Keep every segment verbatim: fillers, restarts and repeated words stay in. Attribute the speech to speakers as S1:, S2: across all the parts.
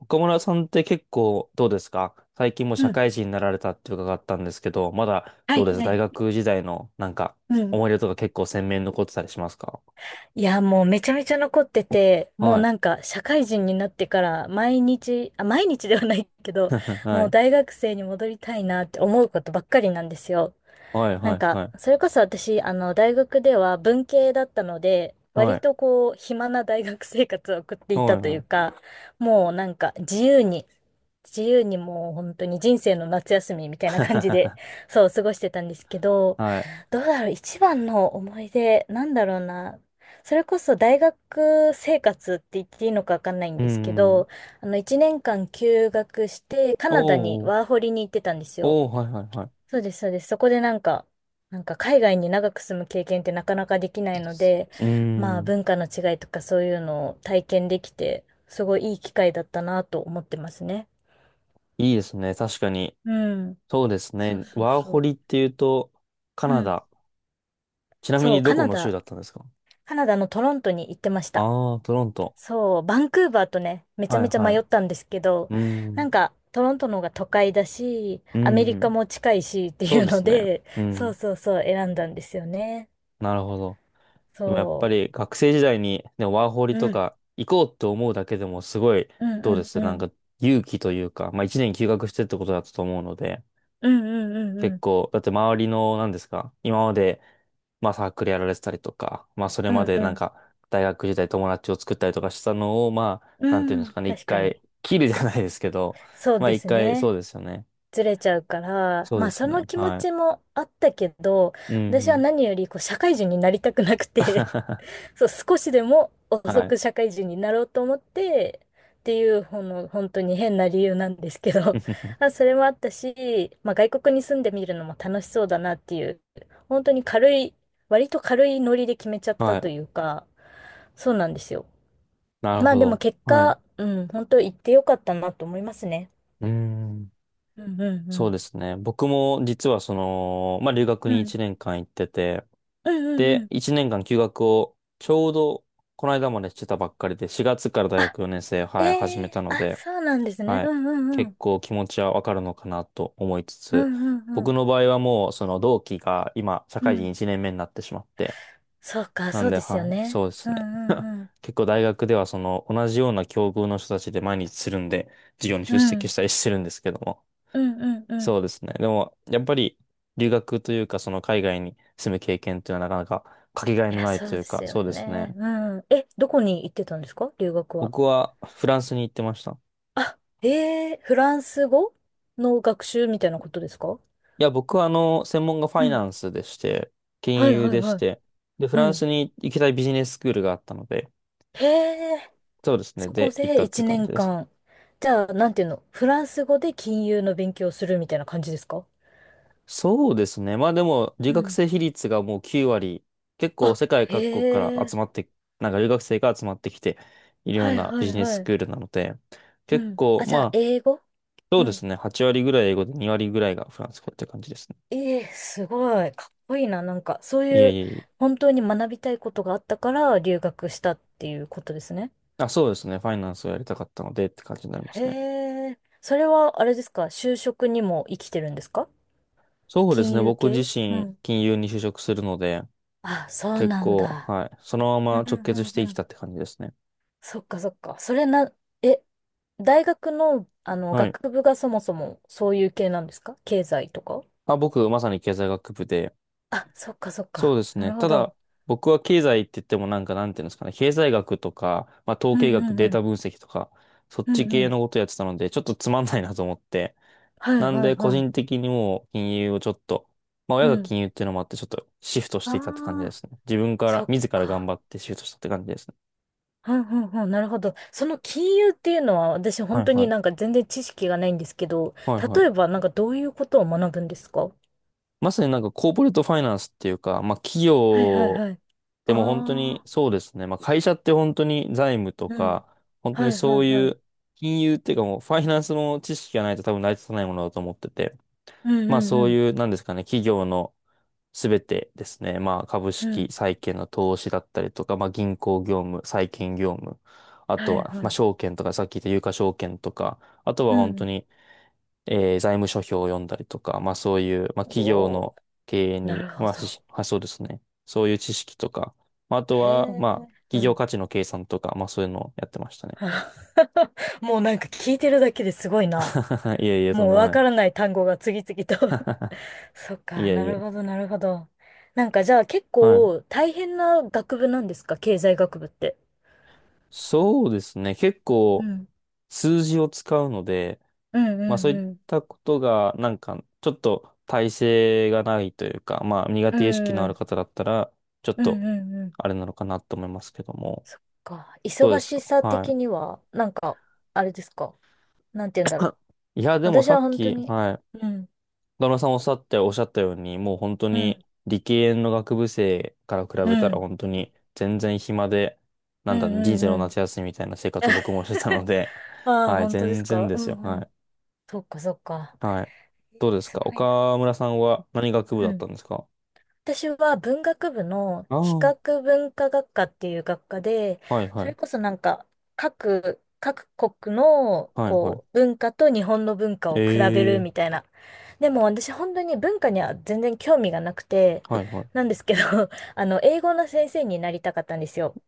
S1: 岡村さんって結構どうですか？最近もう
S2: う
S1: 社
S2: ん。
S1: 会人になられたって伺ったんですけど、まだ
S2: は
S1: どう
S2: い、
S1: です、
S2: は
S1: 大
S2: い。
S1: 学時代のなんか
S2: うん。
S1: 思い出とか結構鮮明に残ってたりしますか？
S2: いや、もうめちゃめちゃ残ってて、もう
S1: はい。
S2: なんか社会人になってから毎日、あ、毎日ではないけど、
S1: は
S2: もう
S1: い。
S2: 大学生に戻りたいなって思うことばっかりなんですよ。
S1: はい、
S2: な
S1: は
S2: ん
S1: い、
S2: か、
S1: はい。
S2: それこそ私、あの、大学では文系だったので、
S1: は
S2: 割
S1: い。
S2: とこう、暇な大学生活を送ってい
S1: は
S2: た
S1: い、
S2: とい
S1: は
S2: う
S1: い。
S2: か、もうなんか自由に、自由にもう本当に人生の夏休みみたいな感じで、そう、過ごしてたんですけど、
S1: はい。
S2: どうだろう、一番の思い出、なんだろうな。それこそ大学生活って言っていいのかわかんないん
S1: う
S2: ですけ
S1: ん。
S2: ど、あの、一年間休学して、カナダに
S1: おー。
S2: ワーホリに行ってたんですよ。
S1: おー、はい、はい、は
S2: そうです、そうです。そこでなんか、なんか海外に長く住む経験ってなかなかできないので、
S1: い。う
S2: まあ
S1: ん。
S2: 文化の違いとかそういうのを体験できて、すごいいい機会だったなと思ってますね。
S1: いいですね。確かに。
S2: うん。
S1: そうです
S2: そう
S1: ね。
S2: そう
S1: ワーホ
S2: そ
S1: リっていうと、カ
S2: う。う
S1: ナ
S2: ん。
S1: ダ。ちなみ
S2: そ
S1: に
S2: う、
S1: ど
S2: カ
S1: こ
S2: ナ
S1: の州
S2: ダ、
S1: だったんですか？
S2: カナダのトロントに行ってました。
S1: ああー、トロント。
S2: そう、バンクーバーとね、めちゃ
S1: はい、
S2: めちゃ
S1: は
S2: 迷
S1: い。
S2: ったんですけど、
S1: う
S2: な
S1: ん。
S2: んかトロントの方が都会だし、
S1: う
S2: アメリカ
S1: ん。
S2: も近いしって
S1: そ
S2: い
S1: う
S2: う
S1: で
S2: の
S1: すね。
S2: で、
S1: う
S2: そう
S1: ん。
S2: そうそう、選んだんですよね。
S1: なるほど。でもやっぱ
S2: そ
S1: り学生時代に、ね、ワーホリ
S2: う。う
S1: と
S2: ん
S1: か行こうって思うだけでもすごい、
S2: うん
S1: どうで
S2: うん
S1: すな
S2: う
S1: ん
S2: ん。
S1: か、勇気というか、まあ一年休学してってことだったと思うので、
S2: うんうんうんう
S1: 結
S2: ん。
S1: 構、だって周りの、何ですか今まで、まあサークルやられてたりとか、まあそれ
S2: う
S1: ま
S2: ん
S1: で
S2: う
S1: なん
S2: ん。
S1: か大学時代友達を作ったりとかしたのを、まあ、
S2: う
S1: なんていうんです
S2: ん。
S1: かね、一
S2: 確か
S1: 回
S2: に。
S1: 切るじゃないですけど、
S2: そう
S1: まあ
S2: で
S1: 一
S2: す
S1: 回、そ
S2: ね。
S1: うですよね。
S2: ずれちゃうから、
S1: そう
S2: ま
S1: で
S2: あ
S1: す
S2: そ
S1: よ
S2: の
S1: ね。
S2: 気持
S1: は
S2: ち
S1: い。
S2: もあったけど、
S1: うん
S2: 私
S1: う
S2: は
S1: ん。
S2: 何よりこう社会人になりたくなくて。 そう、少しでも
S1: は
S2: 遅
S1: い。
S2: く社会人になろうと思って、っていう、ほんの、本当に変な理由なんですけど、あ、それもあったし、まあ外国に住んでみるのも楽しそうだなっていう、本当に軽い、割と軽いノリで決めちゃった
S1: はい。
S2: というか、そうなんですよ。
S1: なる
S2: まあ
S1: ほ
S2: でも
S1: ど。
S2: 結
S1: はい。う
S2: 果、うん、本当行ってよかったなと思いますね。
S1: ーん。
S2: うんうんう
S1: そう
S2: ん。
S1: ですね。僕も実はその、まあ、留学
S2: う
S1: に
S2: ん。
S1: いちねんかん行ってて、
S2: うんうんう
S1: で、
S2: ん。
S1: いちねんかん休学をちょうどこの間までしてたばっかりで、しがつから大
S2: あ、
S1: 学よねん生、
S2: え
S1: はい、始め
S2: え、
S1: た
S2: あ、
S1: ので、
S2: そうなんですね。
S1: はい。
S2: うんうんう
S1: 結
S2: ん。
S1: 構気持ちはわかるのかなと思いつ
S2: う
S1: つ、
S2: んうんう
S1: 僕
S2: ん。
S1: の場合はもうその同期が今社
S2: う
S1: 会人
S2: ん。
S1: いちねんめになってしまって、
S2: そうか、
S1: な
S2: そ
S1: ん
S2: う
S1: で、
S2: ですよ
S1: はい、
S2: ね。
S1: そうです
S2: う
S1: ね。
S2: んうんうん。
S1: 結構大学ではその同じような境遇の人たちで毎日するんで、授業に
S2: う
S1: 出席
S2: ん。
S1: したりしてるんですけども、
S2: うんうんうん。
S1: そうですね。でも、やっぱり留学というか、その海外に住む経験というのはなかなかかけがえ
S2: い
S1: の
S2: や、
S1: ない
S2: そ
S1: と
S2: う
S1: いう
S2: で
S1: か、
S2: すよ
S1: そうです
S2: ね。
S1: ね。
S2: うん。え、どこに行ってたんですか、留学は？
S1: 僕はフランスに行ってました。
S2: あ、ええ、フランス語の学習みたいなことですか？
S1: いや、僕はあの、専門がフ
S2: う
S1: ァイナ
S2: ん。
S1: ンスでして、金
S2: はいは
S1: 融
S2: い
S1: でし
S2: はい。
S1: て、で、フ
S2: う
S1: ラン
S2: ん。
S1: スに行きたいビジネススクールがあったので、
S2: へえ。
S1: そうですね。
S2: そこ
S1: で、行った
S2: で
S1: って
S2: 1
S1: 感
S2: 年
S1: じです。
S2: 間。じゃあ、なんていうの、フランス語で金融の勉強をするみたいな感じですか？
S1: そうですね。まあでも、留
S2: う
S1: 学
S2: ん。
S1: 生比率がもうきゅう割、結構
S2: あ、
S1: 世界
S2: へ
S1: 各国から集
S2: え。
S1: まって、なんか留学生が集まってきているよう
S2: はい
S1: な
S2: は
S1: ビ
S2: い
S1: ジネスス
S2: はい。
S1: クールなので、
S2: う
S1: 結
S2: ん。
S1: 構、
S2: あ、じゃあ、
S1: まあ、
S2: 英語？
S1: そう
S2: う
S1: で
S2: ん。
S1: すね。はち割ぐらい英語でに割ぐらいがフランス語って感じですね。
S2: ええ、すごい。かっこいいな。なんか、そう
S1: いえ
S2: い
S1: い
S2: う、
S1: えい
S2: 本当に学びたいことがあったから、留学したっていうことですね。
S1: え。あ、そうですね。ファイナンスをやりたかったのでって感じになりま
S2: へ
S1: すね。
S2: え。それは、あれですか、就職にも生きてるんですか？
S1: そうです
S2: 金
S1: ね。
S2: 融
S1: 僕自
S2: 系？う
S1: 身、
S2: ん。
S1: 金融に就職するので、
S2: あ、そう
S1: 結
S2: なん
S1: 構、
S2: だ。
S1: はい。そのま
S2: う
S1: ま
S2: んう
S1: 直結し
S2: ん
S1: て
S2: う
S1: き
S2: ん。
S1: たって感じですね。
S2: そっかそっか。それな、え、大学の、あの、
S1: はい。
S2: 学部がそもそもそういう系なんですか、経済とか？
S1: あ、僕、まさに経済学部で。
S2: あ、そっかそっ
S1: そう
S2: か。
S1: です
S2: な
S1: ね。
S2: るほ
S1: た
S2: ど。
S1: だ、僕は経済って言ってもなんか、なんていうんですかね。経済学とか、まあ、統
S2: うん
S1: 計学、
S2: うん
S1: デ
S2: う
S1: ータ
S2: ん。
S1: 分析とか、そっ
S2: う
S1: ち
S2: んう
S1: 系
S2: ん。
S1: のことやってたので、ちょっとつまんないなと思って、
S2: はい
S1: なん
S2: はい
S1: で、個
S2: はい。
S1: 人的にもう金融をちょっと、まあ
S2: う
S1: 親が
S2: ん。
S1: 金融っていうのもあって、ちょっとシフトし
S2: あ
S1: ていたって感じで
S2: あ、
S1: すね。自分か
S2: そ
S1: ら、
S2: っ
S1: 自ら頑
S2: か。
S1: 張ってシフトしたって感じですね。
S2: うんうんうん。なるほど。その金融っていうのは私
S1: は
S2: 本
S1: い
S2: 当
S1: は
S2: に
S1: い。
S2: なんか全然知識がないんですけど、
S1: はいは
S2: 例
S1: い。
S2: えばなんかどういうことを学ぶんですか？は
S1: まさになんかコーポレートファイナンスっていうか、まあ企
S2: いはい
S1: 業、
S2: はい。あ
S1: でも本当に
S2: あ、
S1: そうですね。まあ会社って本当に財務と
S2: うん。
S1: か、本当
S2: は
S1: に
S2: いは
S1: そう
S2: いは
S1: い
S2: い。
S1: う金融っていうかもうファイナンスの知識がないと多分成り立たないものだと思ってて、
S2: うん
S1: まあ
S2: うん
S1: そ
S2: う
S1: う
S2: ん。
S1: いう、なんですかね、企業のすべてですね、まあ、株
S2: う
S1: 式、
S2: ん。
S1: 債券の投資だったりとか、まあ、銀行業務、債券業務、あ
S2: は
S1: と
S2: い
S1: は、
S2: は
S1: まあ、
S2: い。
S1: 証券とか、さっき言った有価証券とか、あと
S2: う
S1: は本当
S2: ん。
S1: に、えー財務諸表を読んだりとか、まあ、そういう、まあ、
S2: お
S1: 企業
S2: お、
S1: の経営
S2: な
S1: に、
S2: るほ
S1: まあ、
S2: ど。
S1: し、まあそうですね、そういう知識とか、まあ、あと
S2: へ
S1: は、
S2: え。
S1: まあ、
S2: う
S1: 企業
S2: ん。
S1: 価値の計算とか、まあ、そういうのをやってましたね。
S2: あ。 もうなんか聞いてるだけですごいな。
S1: いえいえ、とん
S2: もう
S1: でも
S2: わ
S1: な
S2: から
S1: い。
S2: ない単語が次々と。 そっ
S1: い
S2: か、
S1: え
S2: な
S1: い
S2: る
S1: え。
S2: ほど、なるほど。なんかじゃあ結
S1: はい。
S2: 構大変な学部なんですか、経済学部って？
S1: そうですね。結
S2: う
S1: 構
S2: ん。
S1: 数字を使うので、
S2: う
S1: まあそ
S2: ん
S1: うい
S2: う
S1: っ
S2: ん
S1: たことが、なんか、ちょっと耐性がないというか、まあ苦
S2: う
S1: 手意識の
S2: ん。
S1: あ
S2: う
S1: る
S2: ん。
S1: 方だったら、ちょっ
S2: うん
S1: と、
S2: うんうん。
S1: あれなのかなと思いますけども。
S2: そっか。
S1: どうで
S2: 忙
S1: す
S2: し
S1: か？
S2: さ
S1: は
S2: 的には、なんか、あれですか。なんて言うんだろう。
S1: い。いや、でも
S2: 私
S1: さ
S2: は
S1: っ
S2: 本当
S1: き、
S2: に、
S1: はい。
S2: うん、
S1: 旦那さんおっしゃっておっしゃったように、もう本当
S2: う
S1: に
S2: ん、
S1: 理系の学部生から比
S2: う
S1: べた
S2: ん、う
S1: ら
S2: ん、
S1: 本当に全然暇で、な
S2: う
S1: んだ、人
S2: ん、
S1: 生の
S2: うん。
S1: 夏休みみたいな生活を僕もしてたので、
S2: ああ、
S1: はい、
S2: 本当です
S1: 全然
S2: か？
S1: で
S2: う
S1: すよ。
S2: んう
S1: はい。
S2: ん。そっかそっか。
S1: はい。
S2: え
S1: どうで
S2: ー、
S1: す
S2: す
S1: か、
S2: ごいな。
S1: 岡村さんは何学部
S2: う
S1: だったん
S2: ん。
S1: ですか？
S2: 私は文学部の
S1: ああ
S2: 比
S1: ー。
S2: 較文化学科っていう学科で、
S1: はい
S2: そ
S1: は
S2: れ
S1: い。
S2: こそなんか各、各国の
S1: はいは
S2: こう
S1: い。
S2: 文化と日本の文化を比べる
S1: え
S2: み
S1: え、
S2: たいな。でも私本当に文化には全然興味がなくて、
S1: はいはい。
S2: なんですけど、あの、英語の先生になりたかったんですよ。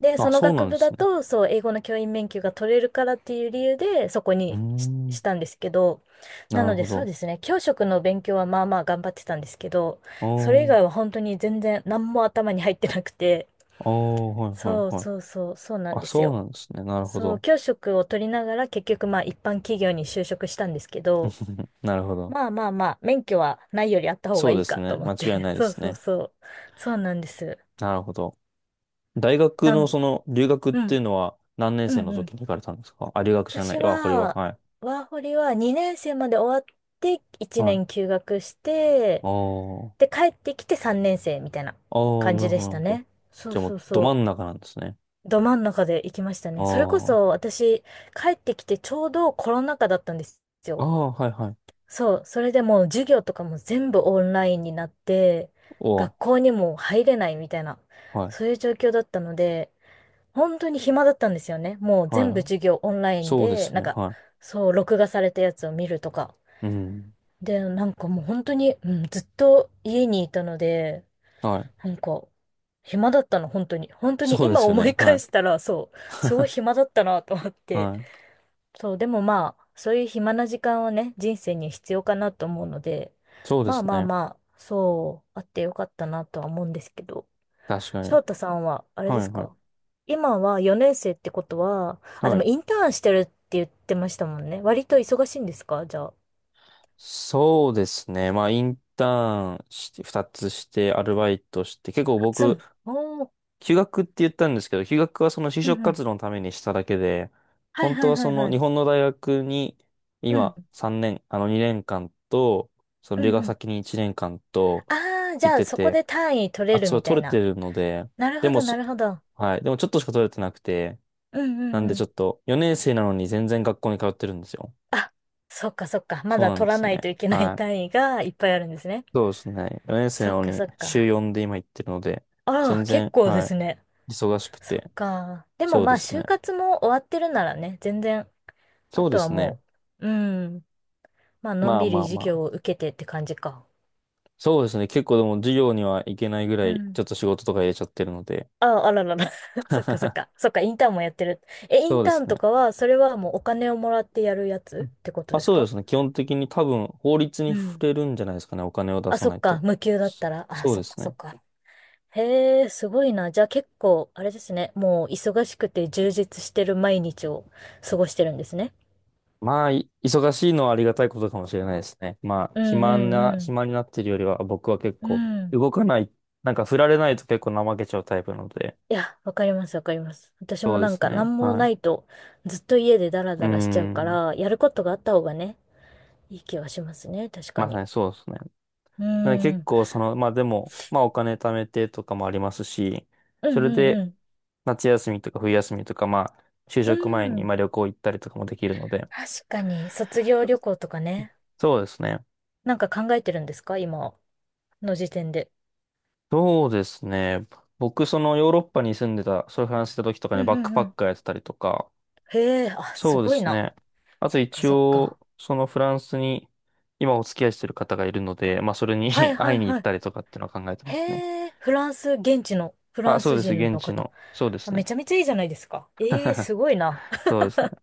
S2: で、そ
S1: あ、
S2: の
S1: そうな
S2: 学
S1: んで
S2: 部
S1: す
S2: だ
S1: ね。
S2: と、そう、英語の教員免許が取れるからっていう理由で、そこ
S1: うー
S2: にし、
S1: ん。
S2: したんですけど、な
S1: なる
S2: ので
S1: ほ
S2: そう
S1: ど。
S2: ですね、教職の勉強はまあまあ頑張ってたんですけど、
S1: あ
S2: それ以
S1: ー
S2: 外は本当に全然何も頭に入ってなくて。
S1: あー、はいはい
S2: そう
S1: はい。
S2: そうそう、そうなん
S1: あ、
S2: です
S1: そう
S2: よ。
S1: なんですね。なるほ
S2: そう、
S1: ど。
S2: 教職を取りながら結局まあ一般企業に就職したんですけど、
S1: なるほど。
S2: まあまあまあ、免許はないよりあった方が
S1: そう
S2: いい
S1: です
S2: か
S1: ね。
S2: と思
S1: 間
S2: っ
S1: 違い
S2: て。
S1: ない で
S2: そう
S1: す
S2: そ
S1: ね。
S2: うそう。そうなんです。
S1: なるほど。大学
S2: な
S1: の
S2: ん、
S1: その留学っ
S2: う
S1: ていう
S2: ん、
S1: のは何年
S2: う
S1: 生
S2: ん
S1: の
S2: う
S1: 時
S2: ん。
S1: に行かれたんですか？あ、留学じゃな
S2: 私
S1: い。わ、これは。
S2: は、
S1: はい。
S2: ワーホリはにねん生まで終わって1
S1: は
S2: 年
S1: い。
S2: 休学し
S1: あ
S2: て、
S1: ー
S2: で、帰ってきてさんねん生みたいな
S1: あー、あ、
S2: 感
S1: な
S2: じ
S1: るほ
S2: で
S1: ど、
S2: し
S1: なる
S2: た
S1: ほど。
S2: ね。そう
S1: じゃあも
S2: そ
S1: う
S2: う
S1: ど真
S2: そ
S1: ん
S2: う。
S1: 中なんですね。
S2: ど真ん中で行きましたね。それこ
S1: あ
S2: そ
S1: あ、
S2: 私、帰ってきてちょうどコロナ禍だったんです
S1: あ
S2: よ。
S1: あ、はいはい。
S2: そう、それでもう授業とかも全部オンラインになって、
S1: おー、
S2: 学校にも入れないみたいな、
S1: はい。
S2: そういう状況だったので、本当に暇だったんですよね。もう
S1: は
S2: 全部
S1: い。
S2: 授業オンライン
S1: そうで
S2: で、
S1: す
S2: なん
S1: ね。
S2: か、
S1: はい。
S2: そう、録画されたやつを見るとか。
S1: うん。
S2: で、なんかもう本当に、うん、ずっと家にいたので、
S1: はい。
S2: なんか、暇だったの、本当に。本当に
S1: そうで
S2: 今
S1: すよ
S2: 思
S1: ね。
S2: い
S1: は
S2: 返
S1: い。
S2: したら、そう、すごい 暇だったなと思って。
S1: はい。
S2: そう、でもまあ、そういう暇な時間はね、人生に必要かなと思うので、
S1: そうで
S2: ま
S1: す
S2: あまあ
S1: ね。
S2: まあ、そう、あってよかったなとは思うんですけど、
S1: 確か
S2: 翔
S1: に。
S2: 太さんは、あれ
S1: は
S2: で
S1: い、
S2: す
S1: はい。
S2: か、今はよねん生ってことは、あ、で
S1: は
S2: も
S1: い。
S2: インターンしてるって言ってましたもんね。割と忙しいんですか、じゃあ？
S1: そうですね。まあ、インターンして、二つして、アルバイトして、結構
S2: 初
S1: 僕、
S2: の。おー。
S1: 休学って言ったんですけど、休学はその就
S2: うん
S1: 職
S2: うん。
S1: 活動のためにしただけで、
S2: はい
S1: 本
S2: は
S1: 当
S2: い
S1: は
S2: は
S1: そ
S2: い
S1: の
S2: は
S1: 日
S2: い。
S1: 本の大学に、
S2: うん。
S1: 今さんねん、あのにねんかんと、その
S2: う
S1: 留
S2: ん
S1: 学
S2: うん。
S1: 先にいちねんかんと、っ
S2: ああ、じ
S1: て言っ
S2: ゃあ
S1: て
S2: そこ
S1: て、
S2: で単位取れ
S1: あ、
S2: る
S1: それ
S2: みたい
S1: 取れ
S2: な。
S1: てるので、
S2: なる
S1: で
S2: ほ
S1: も
S2: ど、な
S1: そ、
S2: るほど。
S1: はい。でもちょっとしか取れてなくて、
S2: うんう
S1: な
S2: ん
S1: んで
S2: う
S1: ちょっ
S2: ん。
S1: と、よねん生なのに全然学校に通ってるんですよ。
S2: あ、そっかそっか。ま
S1: そう
S2: だ
S1: なん
S2: 取
S1: で
S2: ら
S1: す
S2: ない
S1: ね。
S2: といけない
S1: はい。
S2: 単位がいっぱいあるんですね。
S1: そうですね。よねん生な
S2: そっ
S1: の
S2: か
S1: に
S2: そっ
S1: 週
S2: か。
S1: よんで今行ってるので、
S2: あ
S1: 全
S2: ら、結
S1: 然、
S2: 構で
S1: は
S2: す
S1: い、
S2: ね。
S1: 忙しく
S2: そっ
S1: て。
S2: か。でも
S1: そう
S2: ま
S1: で
S2: あ、
S1: す
S2: 就
S1: ね。
S2: 活も終わってるならね、全然、あ
S1: そうで
S2: とは
S1: すね。
S2: もう、うん。まあ、のん
S1: まあ
S2: び
S1: ま
S2: り
S1: あま
S2: 授業
S1: あ。
S2: を受けてって感じか。
S1: そうですね。結構でも授業には行けないぐら
S2: う
S1: い、
S2: ん。
S1: ちょっと仕事とか入れちゃってるので。
S2: あ、あららら。そっかそっか。そっか、インターンもやってる。え、イ
S1: そ
S2: ン
S1: うで
S2: ター
S1: す
S2: ン
S1: ね。
S2: とかは、それはもうお金をもらってやるやつってこと
S1: まあ
S2: です
S1: そうで
S2: か？
S1: すね。基本的に多分法律
S2: う
S1: に触
S2: ん。
S1: れるんじゃないですかね。お金を出
S2: あ、
S1: さ
S2: そ
S1: な
S2: っ
S1: い
S2: か。
S1: と。
S2: 無給だっ
S1: そ、
S2: たら。あ、
S1: そう
S2: そ
S1: で
S2: っか
S1: す
S2: そっ
S1: ね。
S2: か。へえ、すごいな。じゃあ結構、あれですね。もう忙しくて充実してる毎日を過ごしてるんですね。
S1: まあ、い、忙しいのはありがたいことかもしれないですね。まあ、
S2: う
S1: 暇
S2: ん
S1: な、
S2: うん
S1: 暇になってるよりは、僕は結
S2: う
S1: 構
S2: ん。うん。
S1: 動かない、なんか振られないと結構怠けちゃうタイプなので、
S2: いや、わかります、わかります。私
S1: そ
S2: も
S1: うで
S2: なん
S1: す
S2: か
S1: ね。
S2: 何も
S1: は
S2: な
S1: い。
S2: いとずっと家でダラ
S1: うー
S2: ダラしちゃうか
S1: ん。
S2: ら、やることがあった方がね、いい気はしますね。確か
S1: まさ
S2: に。
S1: にそうですね。
S2: う
S1: なので
S2: ん。う
S1: 結
S2: ん
S1: 構その、まあでも、まあお金貯めてとかもありますし、
S2: う
S1: それ
S2: んう
S1: で
S2: ん。
S1: 夏休みとか冬休みとか、まあ、就
S2: う
S1: 職前に
S2: ん。
S1: まあ旅行行ったりとかもできるので、
S2: 確かに、卒業旅行とかね。
S1: そうですね。
S2: なんか考えてるんですか、今の時点で？
S1: そうですね。僕、そのヨーロッパに住んでた、そういう話した時とか
S2: う
S1: ね、
S2: う
S1: バック
S2: ん、
S1: パ
S2: う
S1: ッ
S2: ん、
S1: カーやってたりとか、
S2: へえ、あ、す
S1: そうで
S2: ごい
S1: す
S2: な。
S1: ね。あと
S2: そっか
S1: 一
S2: そっか。
S1: 応、そのフランスに今お付き合いしてる方がいるので、まあそれに
S2: はい は
S1: 会い
S2: い
S1: に行
S2: は
S1: っ
S2: い。
S1: たりとかっていうのは考えてま
S2: へ
S1: すね。
S2: え、フランス、現地のフラ
S1: あ、
S2: ン
S1: そう
S2: ス
S1: です。
S2: 人の
S1: 現地
S2: 方？
S1: の。そうで
S2: あ、
S1: す
S2: め
S1: ね。
S2: ちゃめちゃいいじゃないですか。ええ、すごいな。
S1: そうですね。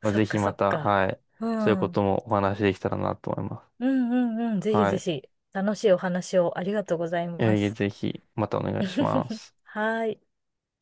S1: まあ、
S2: そ
S1: ぜ
S2: っ
S1: ひ
S2: かそ
S1: ま
S2: っ
S1: た、
S2: か。
S1: はい。
S2: う
S1: そういう
S2: ん。う
S1: こ
S2: ん
S1: ともお話しできたらなと思いま
S2: う
S1: す。
S2: んうん。ぜひ
S1: は
S2: ぜ
S1: い。
S2: ひ、楽しいお話をありがとうございま
S1: え、いえ、
S2: す。
S1: ぜひ、またお願いしま す。
S2: はい。